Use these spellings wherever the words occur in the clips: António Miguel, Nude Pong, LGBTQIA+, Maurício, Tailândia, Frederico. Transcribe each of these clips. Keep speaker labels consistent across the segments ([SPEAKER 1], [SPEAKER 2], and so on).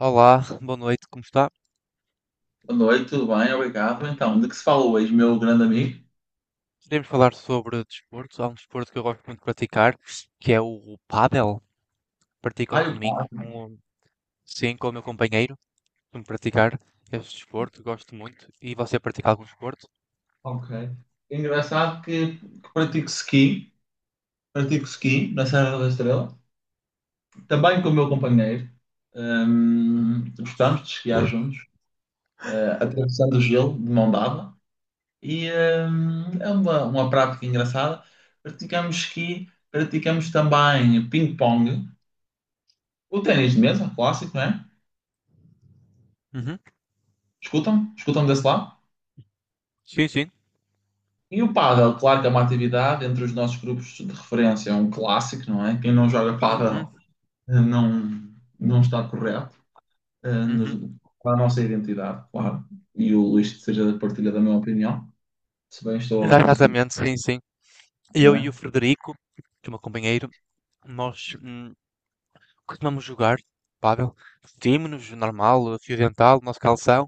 [SPEAKER 1] Olá, boa noite, como está?
[SPEAKER 2] Boa noite, tudo bem? Obrigado. Então, de que se falou hoje, meu grande amigo?
[SPEAKER 1] Queremos falar sobre desporto. Há um desporto que eu gosto muito de praticar, que é o pádel. Pratico
[SPEAKER 2] Ah,
[SPEAKER 1] aos
[SPEAKER 2] eu
[SPEAKER 1] domingos,
[SPEAKER 2] paddle.
[SPEAKER 1] com, sim, com o meu companheiro. Costumo praticar esse desporto, gosto muito. E você pratica algum desporto?
[SPEAKER 2] Ok. É engraçado que pratico ski na Serra da Estrela, também com o meu companheiro. Gostamos de esquiar juntos, atravessando o gelo de mão dada. E é uma prática engraçada. Praticamos ski, praticamos também ping-pong, o ténis de mesa, clássico, não é?
[SPEAKER 1] Uhum.
[SPEAKER 2] Escutam? Escutam desse lado?
[SPEAKER 1] Sim, sim.
[SPEAKER 2] E o pádel, claro que é uma atividade entre os nossos grupos de referência, é um clássico, não é? Quem não joga
[SPEAKER 1] Uhum,
[SPEAKER 2] pádel eh, não, não está correto, eh, nos-
[SPEAKER 1] uhum.
[SPEAKER 2] com a nossa identidade, claro. E o Luís seja partilha da minha opinião, se bem estou a conseguir,
[SPEAKER 1] Exatamente, sim, sim. Eu
[SPEAKER 2] não
[SPEAKER 1] e o
[SPEAKER 2] é?
[SPEAKER 1] Frederico, que é o meu companheiro, nós costumamos jogar pádel. Vestimos-nos normal, fio dental, nosso calção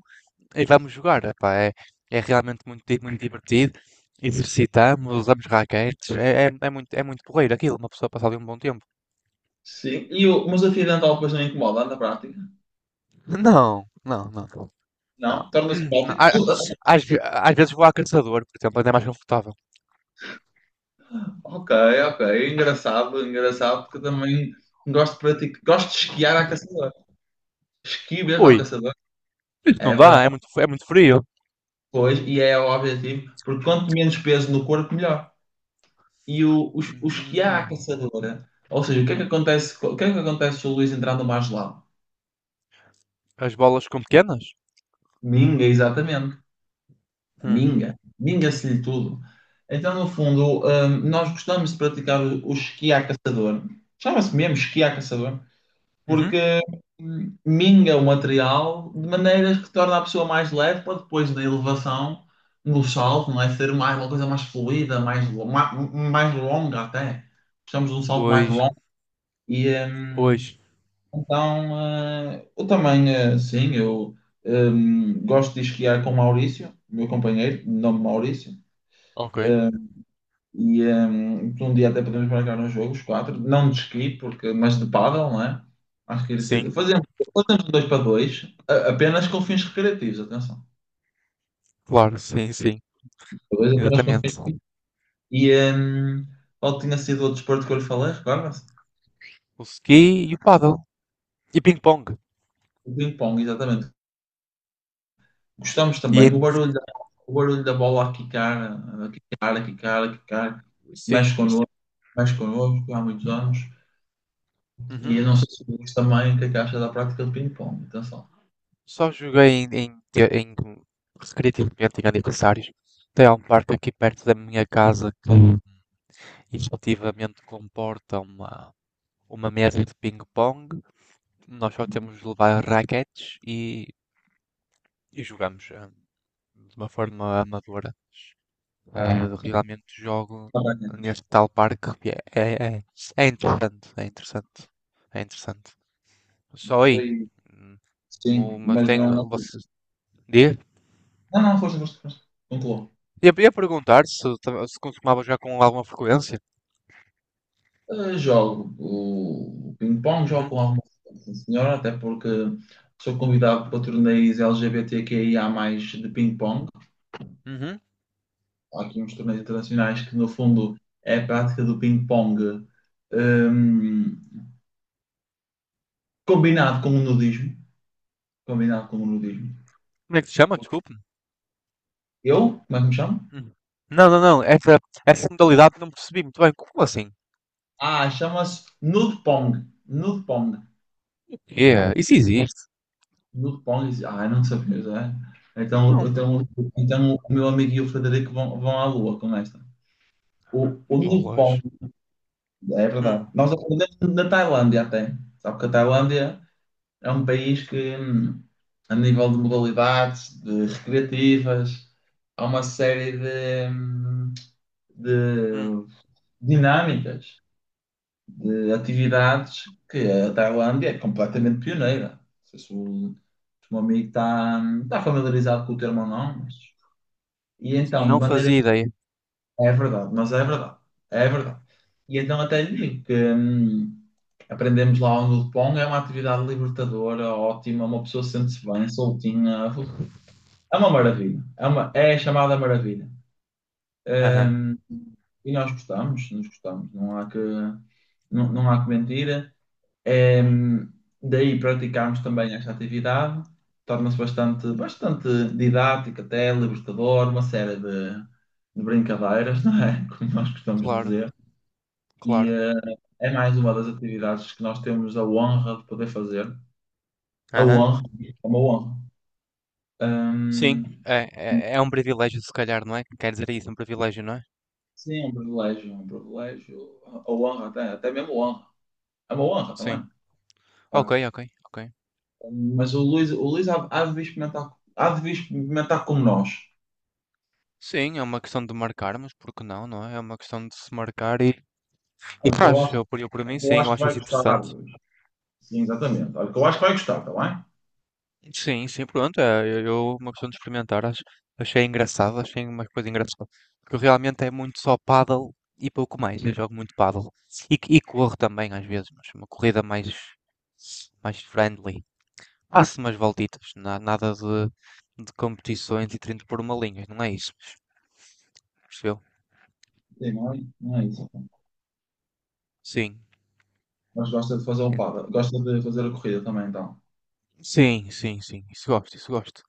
[SPEAKER 1] e vamos jogar. Epá, é, é realmente muito, muito divertido. Exercitamos, usamos raquetes. É, é, é muito porreiro aquilo, uma pessoa passar ali um bom tempo.
[SPEAKER 2] Sim, e o, mas a fio dental depois não incomoda na prática?
[SPEAKER 1] Não, não, não, não.
[SPEAKER 2] Não? Torna-se
[SPEAKER 1] Não,
[SPEAKER 2] prático?
[SPEAKER 1] a- Às vezes vou a caçador, por exemplo, ainda é mais confortável.
[SPEAKER 2] Ok, ok, engraçado, engraçado, porque eu também gosto de praticar, gosto de esquiar à caçadora. Esqui mesmo à
[SPEAKER 1] Ui,
[SPEAKER 2] caçadora,
[SPEAKER 1] isso não
[SPEAKER 2] é
[SPEAKER 1] dá,
[SPEAKER 2] verdade.
[SPEAKER 1] é muito frio.
[SPEAKER 2] Pois, e é o objetivo, porque quanto menos peso no corpo, melhor. E o, os que há à
[SPEAKER 1] Hum,
[SPEAKER 2] caçadora, ou seja, o que é que acontece, o que é que acontece se o Luís entrar no mar gelado?
[SPEAKER 1] as bolas ficam pequenas?
[SPEAKER 2] Minga, exatamente.
[SPEAKER 1] Hum.
[SPEAKER 2] Minga. Minga-se-lhe tudo. Então, no fundo, nós gostamos de praticar o esqui à caçador. Chama-se mesmo esqui à caçador,
[SPEAKER 1] Uhum.
[SPEAKER 2] porque minga o material de maneiras que torna a pessoa mais leve para depois da elevação, do salto, não é? Ser mais, uma coisa mais fluida, mais, mais longa até. Precisamos de um salto mais
[SPEAKER 1] Pois,
[SPEAKER 2] longo. E
[SPEAKER 1] pois.
[SPEAKER 2] então eu também, sim, eu gosto de esquiar com o Maurício, meu companheiro, de nome Maurício.
[SPEAKER 1] Ok.
[SPEAKER 2] E então, um dia até podemos marcar um jogo, os quatro, não de esqui, porque, mas de pádel, não é? Acho que ele se...
[SPEAKER 1] Sim,
[SPEAKER 2] fazemos, fazemos um dois para dois, apenas com fins recreativos, atenção.
[SPEAKER 1] claro, sim, sim.
[SPEAKER 2] Dois apenas com fins
[SPEAKER 1] Exatamente.
[SPEAKER 2] recreativos. E qual tinha sido outro desporto que eu lhe falei, recorda-se?
[SPEAKER 1] O ski e o paddle. E ping-pong.
[SPEAKER 2] O ping-pong, exatamente. Gostamos
[SPEAKER 1] E
[SPEAKER 2] também, o barulho da bola a quicar, a quicar, a quicar, a quicar,
[SPEAKER 1] sim.
[SPEAKER 2] mexe connosco, mexe connosco há muitos anos. E
[SPEAKER 1] Uhum.
[SPEAKER 2] eu não sei se o Luís também, o que é que acha da prática de ping-pong, atenção.
[SPEAKER 1] Só joguei em recreativamente em aniversários. Tem um parque aqui perto da minha casa que efetivamente comporta uma mesa de ping-pong. Nós só temos de levar raquetes e jogamos de uma forma amadora. Ah, realmente jogo
[SPEAKER 2] Parabéns.
[SPEAKER 1] neste tal parque. Que É, é, é, é interessante, é interessante, é interessante. Só aí.
[SPEAKER 2] Gostei. Sim,
[SPEAKER 1] Mas
[SPEAKER 2] mas eh,
[SPEAKER 1] tem,
[SPEAKER 2] não.
[SPEAKER 1] vocês, diz?
[SPEAKER 2] Não, não, foste, foste, foste. Concluo.
[SPEAKER 1] Ia perguntar se, se consumava já com alguma frequência.
[SPEAKER 2] Jogo o ping-pong, jogo
[SPEAKER 1] Uhum,
[SPEAKER 2] com alguma frequência, sim, senhora, até porque sou convidado para torneios LGBTQIA+, de ping-pong.
[SPEAKER 1] uhum.
[SPEAKER 2] Há aqui uns torneios internacionais que, no fundo, é a prática do ping-pong, hum, combinado com o nudismo. Combinado com o nudismo.
[SPEAKER 1] Como é que se chama? Desculpe.
[SPEAKER 2] Eu? Como é que me chamo?
[SPEAKER 1] Hum. Não, não, não. Essa modalidade não percebi muito bem. Como assim?
[SPEAKER 2] Ah, chama-se nude pong. Nude pong.
[SPEAKER 1] É, isso existe?
[SPEAKER 2] No Pong, ah, não sabia já. Então,
[SPEAKER 1] Não.
[SPEAKER 2] então, então o meu amigo e o Frederico vão, vão à lua com esta. O, o Nude Pong,
[SPEAKER 1] Bolas.
[SPEAKER 2] é
[SPEAKER 1] Hum,
[SPEAKER 2] verdade. Nós aprendemos na Tailândia até. Sabe que a Tailândia é um país que, a nível de modalidades, de recreativas, há uma série de,
[SPEAKER 1] hum.
[SPEAKER 2] de dinâmicas de atividades, que a Tailândia é completamente pioneira. Não sei se o, se o meu amigo está familiarizado com o termo ou não, mas... E então,
[SPEAKER 1] Não
[SPEAKER 2] de maneira...
[SPEAKER 1] fazia ideia.
[SPEAKER 2] É verdade, mas é verdade. É verdade. E então até lhe digo que aprendemos lá o Nudpong, é uma atividade libertadora, ótima, uma pessoa sente-se bem, soltinha. Uf, é uma maravilha. É, uma, é a chamada maravilha.
[SPEAKER 1] Aham.
[SPEAKER 2] Hum, e nós gostamos, nós gostamos. Não há que, não, não há que mentir. Ehm, Daí praticarmos também esta atividade, torna-se bastante, bastante didática, até libertador, uma série de brincadeiras, não é? Como nós costumamos
[SPEAKER 1] Claro,
[SPEAKER 2] dizer. E
[SPEAKER 1] claro.
[SPEAKER 2] é mais uma das atividades que nós temos a honra de poder fazer. A
[SPEAKER 1] Aham.
[SPEAKER 2] honra, é uma honra. Ehm,
[SPEAKER 1] Sim, é, é, é um privilégio, se calhar, não é? Quer dizer isso, um privilégio, não é?
[SPEAKER 2] sim, é um privilégio, é um privilégio. A honra, até, até mesmo honra. É uma honra também.
[SPEAKER 1] Sim.
[SPEAKER 2] Claro.
[SPEAKER 1] Ok, ok, ok.
[SPEAKER 2] Mas o Luís há, há de vir experimentar, há de vir experimentar como nós.
[SPEAKER 1] Sim, é uma questão de marcarmos, porque não, não é? É uma questão de se marcar e
[SPEAKER 2] Porque eu
[SPEAKER 1] faz.
[SPEAKER 2] acho.
[SPEAKER 1] Eu por mim,
[SPEAKER 2] O que eu
[SPEAKER 1] sim,
[SPEAKER 2] acho
[SPEAKER 1] eu
[SPEAKER 2] que
[SPEAKER 1] acho
[SPEAKER 2] vai
[SPEAKER 1] isso
[SPEAKER 2] gostar.
[SPEAKER 1] interessante.
[SPEAKER 2] Sim, exatamente. Olha, o que eu acho que vai gostar, está bem?
[SPEAKER 1] Sim, sim, pronto. Uma questão de experimentar, acho, achei engraçado, achei uma coisa engraçada. Porque realmente é muito só paddle e pouco mais. Eu jogo muito paddle. E corro também às vezes, mas uma corrida mais, mais friendly. Faço umas voltitas, nada de, de competições e 30 por uma linha, não é isso? Percebeu?
[SPEAKER 2] Sim, não é, não é isso, então.
[SPEAKER 1] Sim.
[SPEAKER 2] Mas gosta de fazer um par, gosta de fazer a corrida também, então.
[SPEAKER 1] Sim, sim, sim. Isso gosto, isso gosto.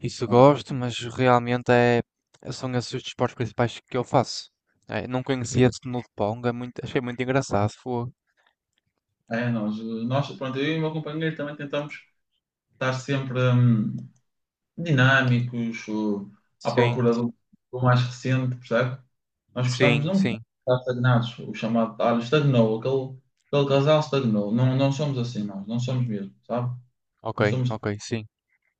[SPEAKER 1] Isso
[SPEAKER 2] Ok.
[SPEAKER 1] gosto, mas realmente é, são esses os desportos principais que eu faço. É, não conhecia esse no de Pong, é muito, achei muito engraçado. Foi.
[SPEAKER 2] É, nós, pronto, eu e o meu companheiro também tentamos estar sempre dinâmicos, à
[SPEAKER 1] Sim,
[SPEAKER 2] procura do, do mais recente, percebe? Nós gostamos,
[SPEAKER 1] sim,
[SPEAKER 2] não gostamos
[SPEAKER 1] sim.
[SPEAKER 2] de um estar estagnados, o chamado, ah, estagnou, aquele, aquele casal estagnou. Não, não somos assim nós, não somos mesmo, sabe?
[SPEAKER 1] Ok,
[SPEAKER 2] Não somos
[SPEAKER 1] ok, sim.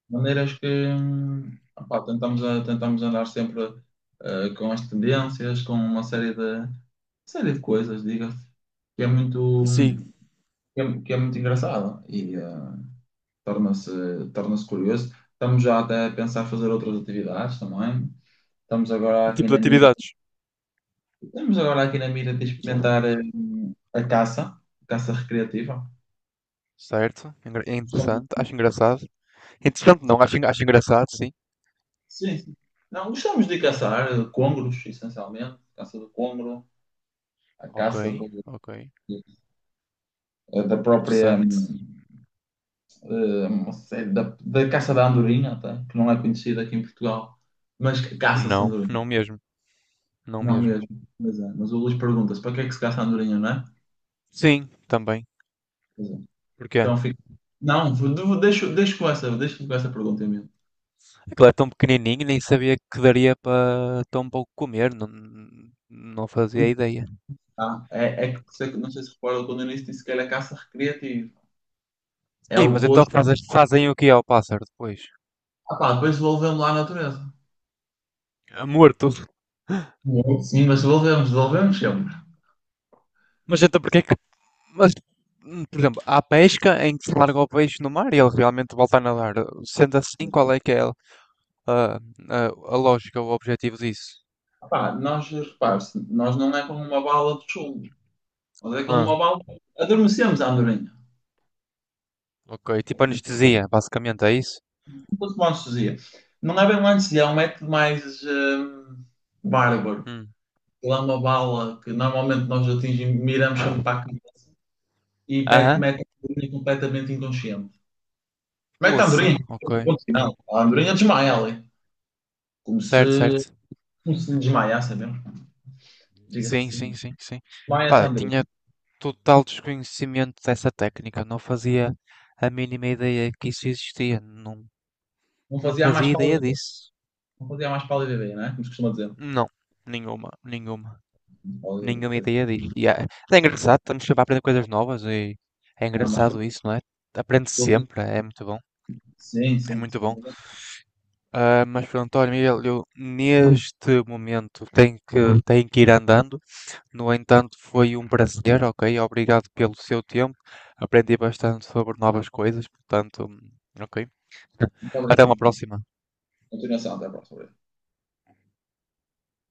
[SPEAKER 2] maneiras que opá, tentamos, tentamos andar sempre com as tendências, com uma série de coisas, diga-se, que é muito,
[SPEAKER 1] Sim,
[SPEAKER 2] que é muito engraçado e torna-se torna-se curioso. Estamos já até a pensar fazer outras atividades também. Estamos agora aqui
[SPEAKER 1] tipo de
[SPEAKER 2] na mira,
[SPEAKER 1] atividades.
[SPEAKER 2] estamos agora aqui na mira de experimentar a caça recreativa.
[SPEAKER 1] Certo, é
[SPEAKER 2] Gostamos-
[SPEAKER 1] interessante, acho engraçado. Interessante não, acho, acho engraçado, sim.
[SPEAKER 2] sim, sim. Não, gostamos de caçar congros, essencialmente, caça do congro, a
[SPEAKER 1] Ok,
[SPEAKER 2] caça do
[SPEAKER 1] ok.
[SPEAKER 2] da própria
[SPEAKER 1] Interessante.
[SPEAKER 2] uma série da, da caça da andorinha, tá? Que não é conhecida aqui em Portugal, mas que caça-se
[SPEAKER 1] Não,
[SPEAKER 2] andorinha,
[SPEAKER 1] não mesmo, não
[SPEAKER 2] não
[SPEAKER 1] mesmo.
[SPEAKER 2] mesmo. Mas, é. Mas o Luís pergunta-se para que é que se caça a andorinha, não é?
[SPEAKER 1] Sim, também.
[SPEAKER 2] Pois é.
[SPEAKER 1] Porquê?
[SPEAKER 2] Então fica. Não, deixo, deixo com essa pergunta em mente.
[SPEAKER 1] Aquilo é tão pequenininho, nem sabia que daria para tão pouco comer, não, não fazia ideia.
[SPEAKER 2] Ah, é, é que por isso é que não sei se recorda quando eu disse que era caça recreativa. É
[SPEAKER 1] Sim,
[SPEAKER 2] o
[SPEAKER 1] mas então
[SPEAKER 2] gosto.
[SPEAKER 1] fazes, fazem o que ao pássaro depois?
[SPEAKER 2] Ah, pá, depois devolvemos lá à natureza.
[SPEAKER 1] É morto.
[SPEAKER 2] Sim, mas devolvemos, devolvemos sempre.
[SPEAKER 1] Mas então porquê que... Mas, por exemplo, há pesca em que se larga o peixe no mar e ele realmente volta a nadar. Sendo assim, qual é que é a, a lógica, o objetivo disso?
[SPEAKER 2] Ah, pá, nós, repare-se, nós não é como uma bala de chumbo. Mas é como
[SPEAKER 1] Ah,
[SPEAKER 2] uma bala. Adormecemos a andorinha.
[SPEAKER 1] ok. Tipo anestesia, basicamente, é isso?
[SPEAKER 2] Tudo com anestesia. Não é bem uma anestesia, é um método mais bárbaro.
[SPEAKER 1] Hum.
[SPEAKER 2] Lá uma bala que normalmente nós atingimos, miramos sempre para a cabeça e mete,
[SPEAKER 1] Aham.
[SPEAKER 2] mete a andorinha completamente inconsciente. Mete a
[SPEAKER 1] Poça,
[SPEAKER 2] andorinha.
[SPEAKER 1] ok.
[SPEAKER 2] Ponto final. A andorinha desmaia ali. Como
[SPEAKER 1] Certo,
[SPEAKER 2] se,
[SPEAKER 1] certo.
[SPEAKER 2] como se lhe desmaiasse é mesmo. Diga-se
[SPEAKER 1] Sim, sim,
[SPEAKER 2] assim.
[SPEAKER 1] sim, sim.
[SPEAKER 2] Desmaia-se a
[SPEAKER 1] Pá,
[SPEAKER 2] andorinha.
[SPEAKER 1] tinha... total desconhecimento dessa técnica, não fazia a mínima ideia que isso existia, não,
[SPEAKER 2] Não
[SPEAKER 1] não
[SPEAKER 2] fazia a mais
[SPEAKER 1] fazia ideia
[SPEAKER 2] pálida,
[SPEAKER 1] disso.
[SPEAKER 2] não fazia a mais pálida ideia, não é? Como se costuma dizer.
[SPEAKER 1] Não, nenhuma, nenhuma, nenhuma ideia disso. E é, é engraçado, estamos sempre a aprender coisas novas e é
[SPEAKER 2] Não, mas tudo-
[SPEAKER 1] engraçado isso, não é? Aprende
[SPEAKER 2] tudo-
[SPEAKER 1] sempre, é muito bom,
[SPEAKER 2] sim,
[SPEAKER 1] é
[SPEAKER 2] sim,
[SPEAKER 1] muito
[SPEAKER 2] sim.
[SPEAKER 1] bom. Ah, mas pronto, António Miguel, eu neste momento tenho que ir andando. No entanto, foi um prazer, ok? Obrigado pelo seu tempo. Aprendi bastante sobre novas coisas, portanto, ok.
[SPEAKER 2] Muito
[SPEAKER 1] Até uma
[SPEAKER 2] obrigado.
[SPEAKER 1] próxima.
[SPEAKER 2] Continuação. Até a próxima.